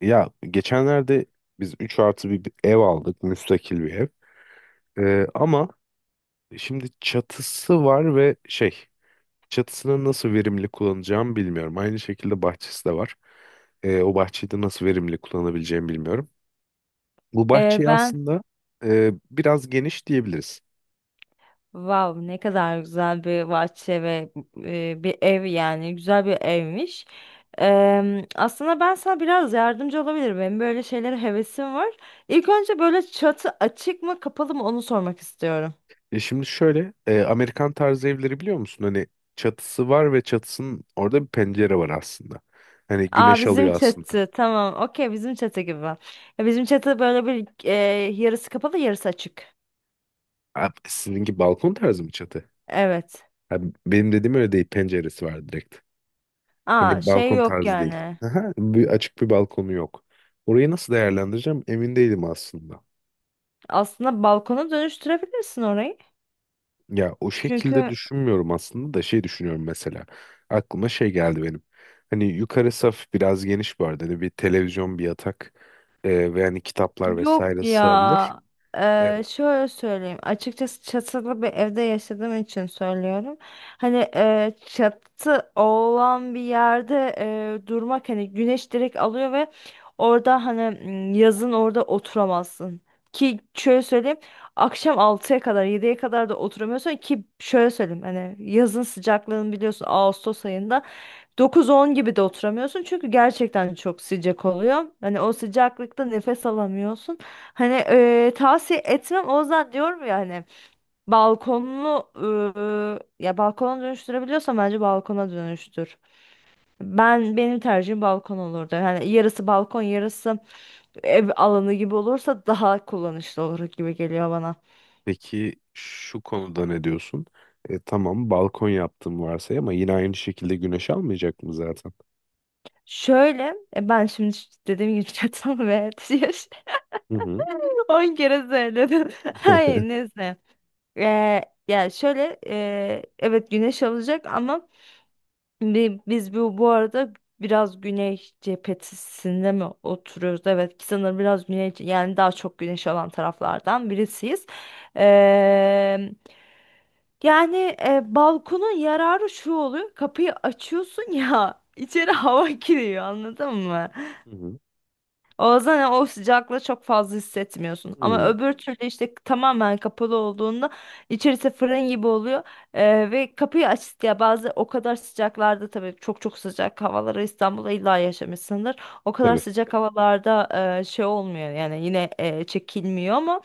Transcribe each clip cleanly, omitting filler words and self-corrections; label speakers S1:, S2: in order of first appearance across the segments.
S1: Ya geçenlerde biz 3 artı bir ev aldık. Müstakil bir ev. Ama şimdi çatısı var ve çatısını nasıl verimli kullanacağımı bilmiyorum. Aynı şekilde bahçesi de var. O bahçeyi de nasıl verimli kullanabileceğimi bilmiyorum. Bu bahçeyi
S2: Ben
S1: aslında biraz geniş diyebiliriz.
S2: Wow, ne kadar güzel bir bahçe ve bir ev, yani güzel bir evmiş. Aslında ben sana biraz yardımcı olabilirim. Benim böyle şeylere hevesim var. İlk önce böyle çatı açık mı kapalı mı onu sormak istiyorum.
S1: Şimdi şöyle Amerikan tarzı evleri biliyor musun? Hani çatısı var ve çatısının orada bir pencere var aslında. Hani
S2: Aa,
S1: güneş
S2: bizim
S1: alıyor aslında.
S2: çatı tamam, okey, bizim çatı gibi. Ya, bizim çatı böyle bir yarısı kapalı, yarısı açık.
S1: Abi, sizinki balkon tarzı mı çatı?
S2: Evet.
S1: Ha, benim dediğim öyle değil. Penceresi var direkt.
S2: Aa,
S1: Hani
S2: şey
S1: balkon
S2: yok
S1: tarzı değil.
S2: yani.
S1: Aha, bir açık bir balkonu yok. Orayı nasıl değerlendireceğim emin değilim aslında.
S2: Aslında balkona dönüştürebilirsin orayı.
S1: Ya o şekilde
S2: Çünkü
S1: düşünmüyorum aslında da şey düşünüyorum mesela. Aklıma şey geldi benim. Hani yukarı saf biraz geniş bu arada. Hani bir televizyon, bir yatak ve hani kitaplar
S2: Yok
S1: vesaire sığabilir.
S2: ya.
S1: E,
S2: Şöyle söyleyeyim. Açıkçası çatılı bir evde yaşadığım için söylüyorum. Hani çatı olan bir yerde durmak, hani güneş direkt alıyor ve orada hani, yazın orada oturamazsın. Ki şöyle söyleyeyim. Akşam 6'ya kadar, 7'ye kadar da oturamıyorsun, ki şöyle söyleyeyim, hani yazın sıcaklığını biliyorsun, Ağustos ayında 9-10 gibi de oturamıyorsun çünkü gerçekten çok sıcak oluyor. Hani o sıcaklıkta nefes alamıyorsun. Hani tavsiye etmem. O yüzden diyorum ya hani balkonlu, ya balkona dönüştürebiliyorsan bence balkona dönüştür. Ben, benim tercihim balkon olurdu. Yani yarısı balkon, yarısı ev alanı gibi olursa daha kullanışlı olur gibi geliyor bana.
S1: peki şu konuda ne diyorsun? Tamam balkon yaptım varsay ama yine aynı şekilde güneş almayacak mı zaten?
S2: Şöyle, ben şimdi dediğim gibi çatal ve
S1: Hı hı.
S2: 10 kere söyledim. Hayır, neyse. Yani şöyle, evet güneş alacak ama biz bu arada biraz güney cephesinde mi oturuyoruz? Evet, sanırım biraz güney, yani daha çok güneş alan taraflardan birisiyiz. Eee, yani balkonun yararı şu oluyor, kapıyı açıyorsun ya, içeri hava giriyor, anladın mı?
S1: Hı hı.
S2: O zaman o sıcaklığı çok fazla hissetmiyorsun. Ama
S1: Hmm,
S2: öbür türlü, işte tamamen kapalı olduğunda içerisi fırın gibi oluyor. Ve kapıyı aç ya, bazı o kadar sıcaklarda, tabii çok çok sıcak havalara İstanbul'da illa yaşamışsındır. O kadar
S1: tabii.
S2: sıcak havalarda şey olmuyor yani, yine çekilmiyor ama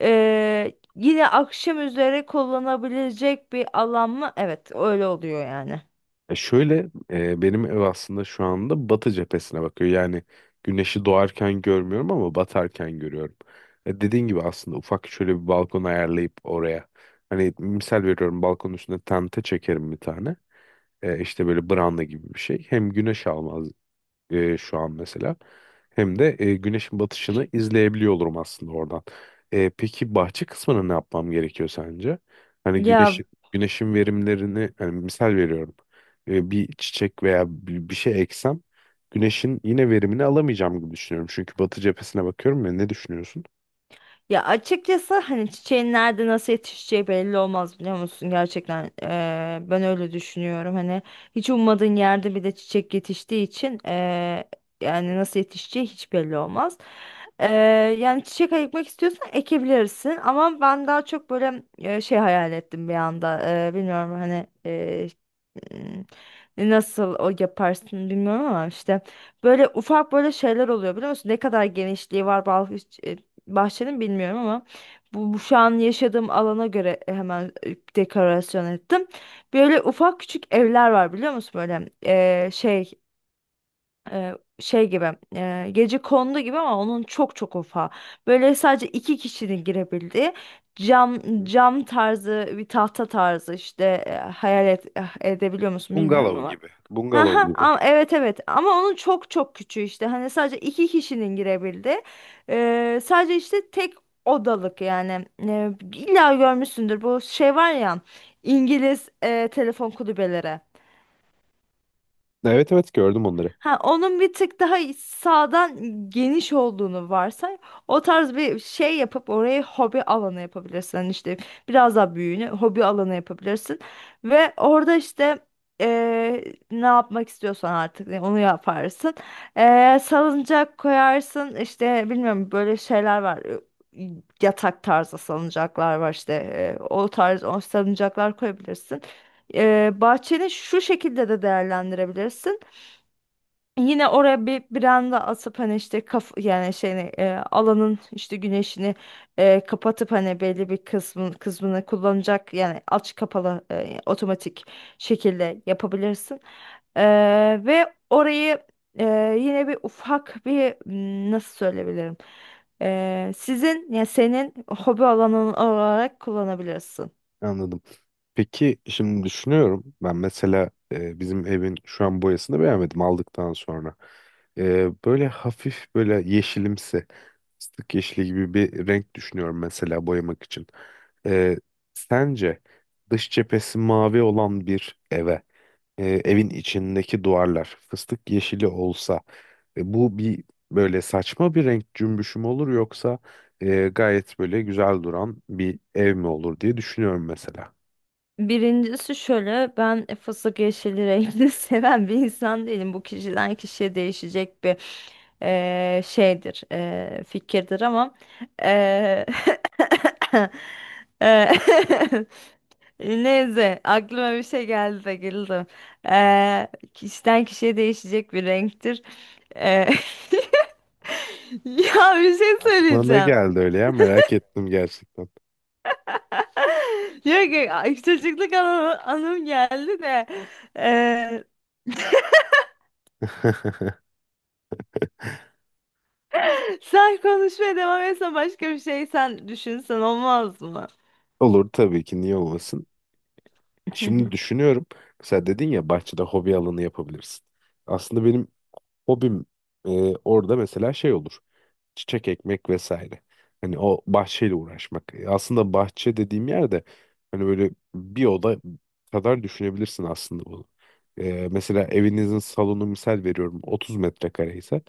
S2: yine akşam üzere kullanabilecek bir alan mı? Evet, öyle oluyor yani.
S1: E şöyle benim ev aslında şu anda batı cephesine bakıyor. Yani güneşi doğarken görmüyorum ama batarken görüyorum. Dediğin gibi aslında ufak şöyle bir balkon ayarlayıp oraya. Hani misal veriyorum balkonun üstüne tente çekerim bir tane. İşte böyle branda gibi bir şey. Hem güneş almaz şu an mesela. Hem de güneşin batışını izleyebiliyor olurum aslında oradan. Peki bahçe kısmına ne yapmam gerekiyor sence? Hani
S2: Ya
S1: güneşin verimlerini hani misal veriyorum. Bir çiçek veya bir şey eksem güneşin yine verimini alamayacağım gibi düşünüyorum. Çünkü batı cephesine bakıyorum ya, ne düşünüyorsun?
S2: Ya açıkçası, hani çiçeğin nerede nasıl yetişeceği belli olmaz, biliyor musun, gerçekten ben öyle düşünüyorum, hani hiç ummadığın yerde bir de çiçek yetiştiği için, yani nasıl yetişeceği hiç belli olmaz. Eee, yani çiçek ekmek istiyorsan ekebilirsin ama ben daha çok böyle şey hayal ettim bir anda. Bilmiyorum hani. Hmm, Nasıl o yaparsın bilmiyorum ama işte böyle ufak böyle şeyler oluyor, biliyor musun? Ne kadar genişliği var bahçenin, bilmiyorum ama bu şu an yaşadığım alana göre hemen dekorasyon ettim. Böyle ufak küçük evler var, biliyor musun? Böyle şey, e, şey gibi, gece kondu gibi ama onun çok çok ufağı. Böyle sadece iki kişinin girebildiği cam,
S1: Hı.
S2: cam tarzı, bir tahta tarzı, işte hayal et, edebiliyor musun bilmiyorum
S1: Bungalov
S2: ama.
S1: gibi. Bungalov
S2: Aha,
S1: gibi.
S2: evet, evet, ama onun çok çok küçüğü, işte hani sadece iki kişinin girebildiği, sadece işte tek odalık, yani illa görmüşsündür, bu şey var ya, İngiliz telefon kulübeleri.
S1: Evet, evet gördüm onları.
S2: Ha, onun bir tık daha sağdan geniş olduğunu varsay. O tarz bir şey yapıp orayı hobi alanı yapabilirsin. Hani işte biraz daha büyüğünü hobi alanı yapabilirsin. Ve orada işte, eee, ne yapmak istiyorsan artık yani onu yaparsın. Salıncak koyarsın. İşte bilmiyorum, böyle şeyler var. Ee, Yatak tarzı salıncaklar var işte. O tarz, o salıncaklar koyabilirsin. Bahçeni şu şekilde de değerlendirebilirsin. Yine oraya bir branda asıp, hani işte kaf, yani şeyini, alanın işte güneşini kapatıp, hani belli bir kısmını kullanacak, yani aç kapalı, otomatik şekilde yapabilirsin. E, ve orayı e, yine bir ufak bir, nasıl söyleyebilirim? Sizin, ya senin hobi alanın olarak kullanabilirsin.
S1: Anladım. Peki şimdi düşünüyorum ben mesela bizim evin şu an boyasını beğenmedim aldıktan sonra. Böyle hafif böyle yeşilimsi fıstık yeşili gibi bir renk düşünüyorum mesela boyamak için. E, Sence dış cephesi mavi olan bir eve evin içindeki duvarlar fıstık yeşili olsa bu bir böyle saçma bir renk cümbüşü mü olur yoksa gayet böyle güzel duran bir ev mi olur diye düşünüyorum mesela.
S2: Birincisi şöyle, ben fıstık yeşili rengini seven bir insan değilim. Bu kişiden kişiye değişecek bir şeydir, fikirdir ama eee, eee, neyse, aklıma bir şey geldi de güldüm. Eee, kişiden kişiye değişecek bir renktir. Eee, ya, bir şey
S1: Aklına ne
S2: söyleyeceğim.
S1: geldi öyle ya, merak ettim gerçekten.
S2: Diyor ki, "Ay, çocukluk anım geldi de eee, sen konuşmaya devam etsen, başka bir şey sen düşünsen olmaz mı?"
S1: Olur tabii ki, niye olmasın. Şimdi düşünüyorum. Mesela dedin ya bahçede hobi alanı yapabilirsin. Aslında benim hobim e, orada mesela şey olur. Çiçek ekmek vesaire. Hani o bahçeyle uğraşmak. Aslında bahçe dediğim yerde hani böyle bir oda kadar düşünebilirsin aslında bunu. Mesela evinizin salonu misal veriyorum 30 metrekare ise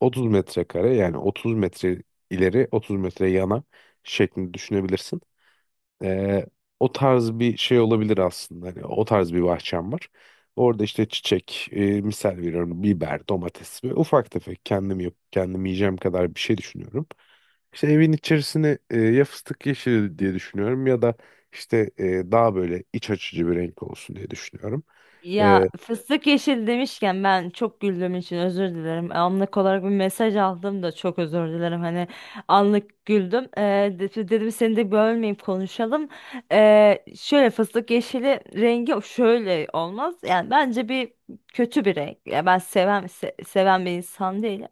S1: 30 metrekare yani 30 metre ileri 30 metre yana şeklinde düşünebilirsin. Ee, O tarz bir şey olabilir aslında. Hani o tarz bir bahçem var. Orada işte misal veriyorum biber, domates ve ufak tefek kendim yok, kendim yiyeceğim kadar bir şey düşünüyorum. İşte evin içerisini ya fıstık yeşili diye düşünüyorum ya da işte daha böyle iç açıcı bir renk olsun diye düşünüyorum.
S2: Ya fıstık yeşil demişken ben çok güldüğüm için özür dilerim. Anlık olarak bir mesaj aldım da çok özür dilerim. Hani anlık güldüm. De- dedim seni de bölmeyip konuşalım. Şöyle, fıstık yeşili rengi şöyle olmaz. Yani bence bir kötü bir renk. Ya ben seven, seven bir insan değilim.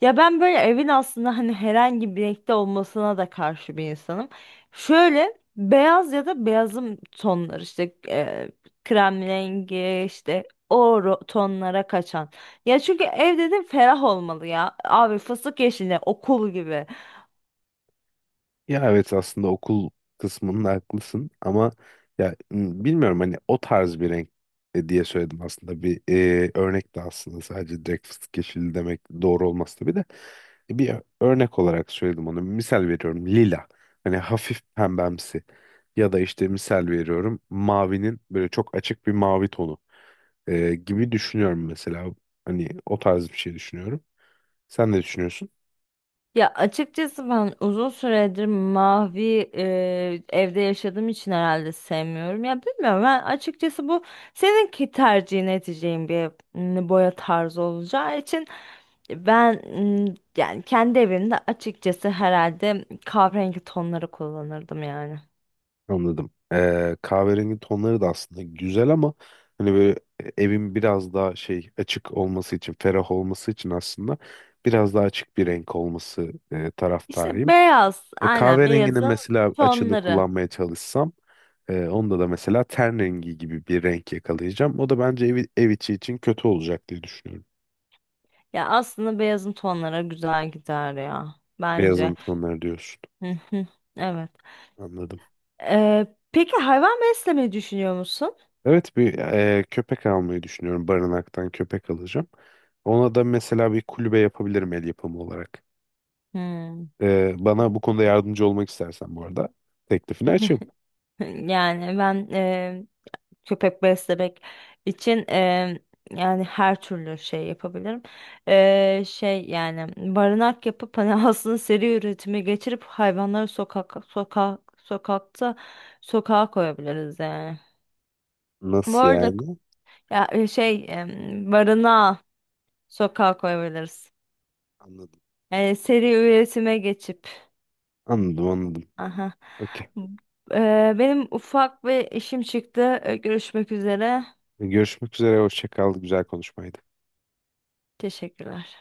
S2: Ya ben böyle evin aslında hani herhangi bir renkte olmasına da karşı bir insanım. Şöyle beyaz ya da beyazım tonlar, işte krem rengi, işte o tonlara kaçan. Ya çünkü ev dedim, ferah olmalı ya. Abi fıstık yeşili okul gibi.
S1: Ya evet, aslında okul kısmında haklısın ama ya bilmiyorum hani o tarz bir renk diye söyledim aslında bir örnek de aslında sadece direkt fıstık yeşili demek doğru olmaz tabii de bir örnek olarak söyledim onu, misal veriyorum lila, hani hafif pembemsi ya da işte misal veriyorum mavinin böyle çok açık bir mavi tonu gibi düşünüyorum mesela, hani o tarz bir şey düşünüyorum, sen ne düşünüyorsun?
S2: Ya açıkçası ben uzun süredir mavi evde yaşadığım için herhalde sevmiyorum. Ya bilmiyorum, ben açıkçası bu seninki tercihin edeceğin bir, boya tarzı olacağı için ben, yani kendi evimde açıkçası herhalde kahverengi tonları kullanırdım yani.
S1: Anladım. Kahverengi tonları da aslında güzel ama hani böyle evin biraz daha şey açık olması için, ferah olması için aslında biraz daha açık bir renk olması
S2: İşte
S1: taraftarıyım.
S2: beyaz, aynen
S1: Kahverenginin
S2: beyazın
S1: mesela açığını
S2: tonları.
S1: kullanmaya çalışsam onda da mesela ten rengi gibi bir renk yakalayacağım. O da bence ev içi için kötü olacak diye düşünüyorum.
S2: Ya aslında beyazın tonları güzel gider ya,
S1: Beyazın
S2: bence.
S1: tonları diyorsun.
S2: Hı hı. Evet.
S1: Anladım.
S2: Ee, peki, hayvan beslemeyi düşünüyor musun?
S1: Evet, bir köpek almayı düşünüyorum. Barınaktan köpek alacağım. Ona da mesela bir kulübe yapabilirim el yapımı olarak.
S2: Hmm.
S1: Bana bu konuda yardımcı olmak istersen bu arada teklifini açayım.
S2: Yani ben, köpek beslemek için, yani her türlü şey yapabilirim. Şey yani barınak yapıp hani aslında seri üretime geçirip hayvanları sokak sokak sokakta sokağa koyabiliriz yani. Bu
S1: Nasıl
S2: arada
S1: yani?
S2: ya, şey, barınağa, sokağa koyabiliriz.
S1: Anladım.
S2: Yani seri üretime geçip.
S1: Anladım.
S2: Aha.
S1: Okey.
S2: Benim ufak bir işim çıktı. Görüşmek üzere.
S1: Görüşmek üzere. Hoşça kal. Güzel konuşmaydı.
S2: Teşekkürler.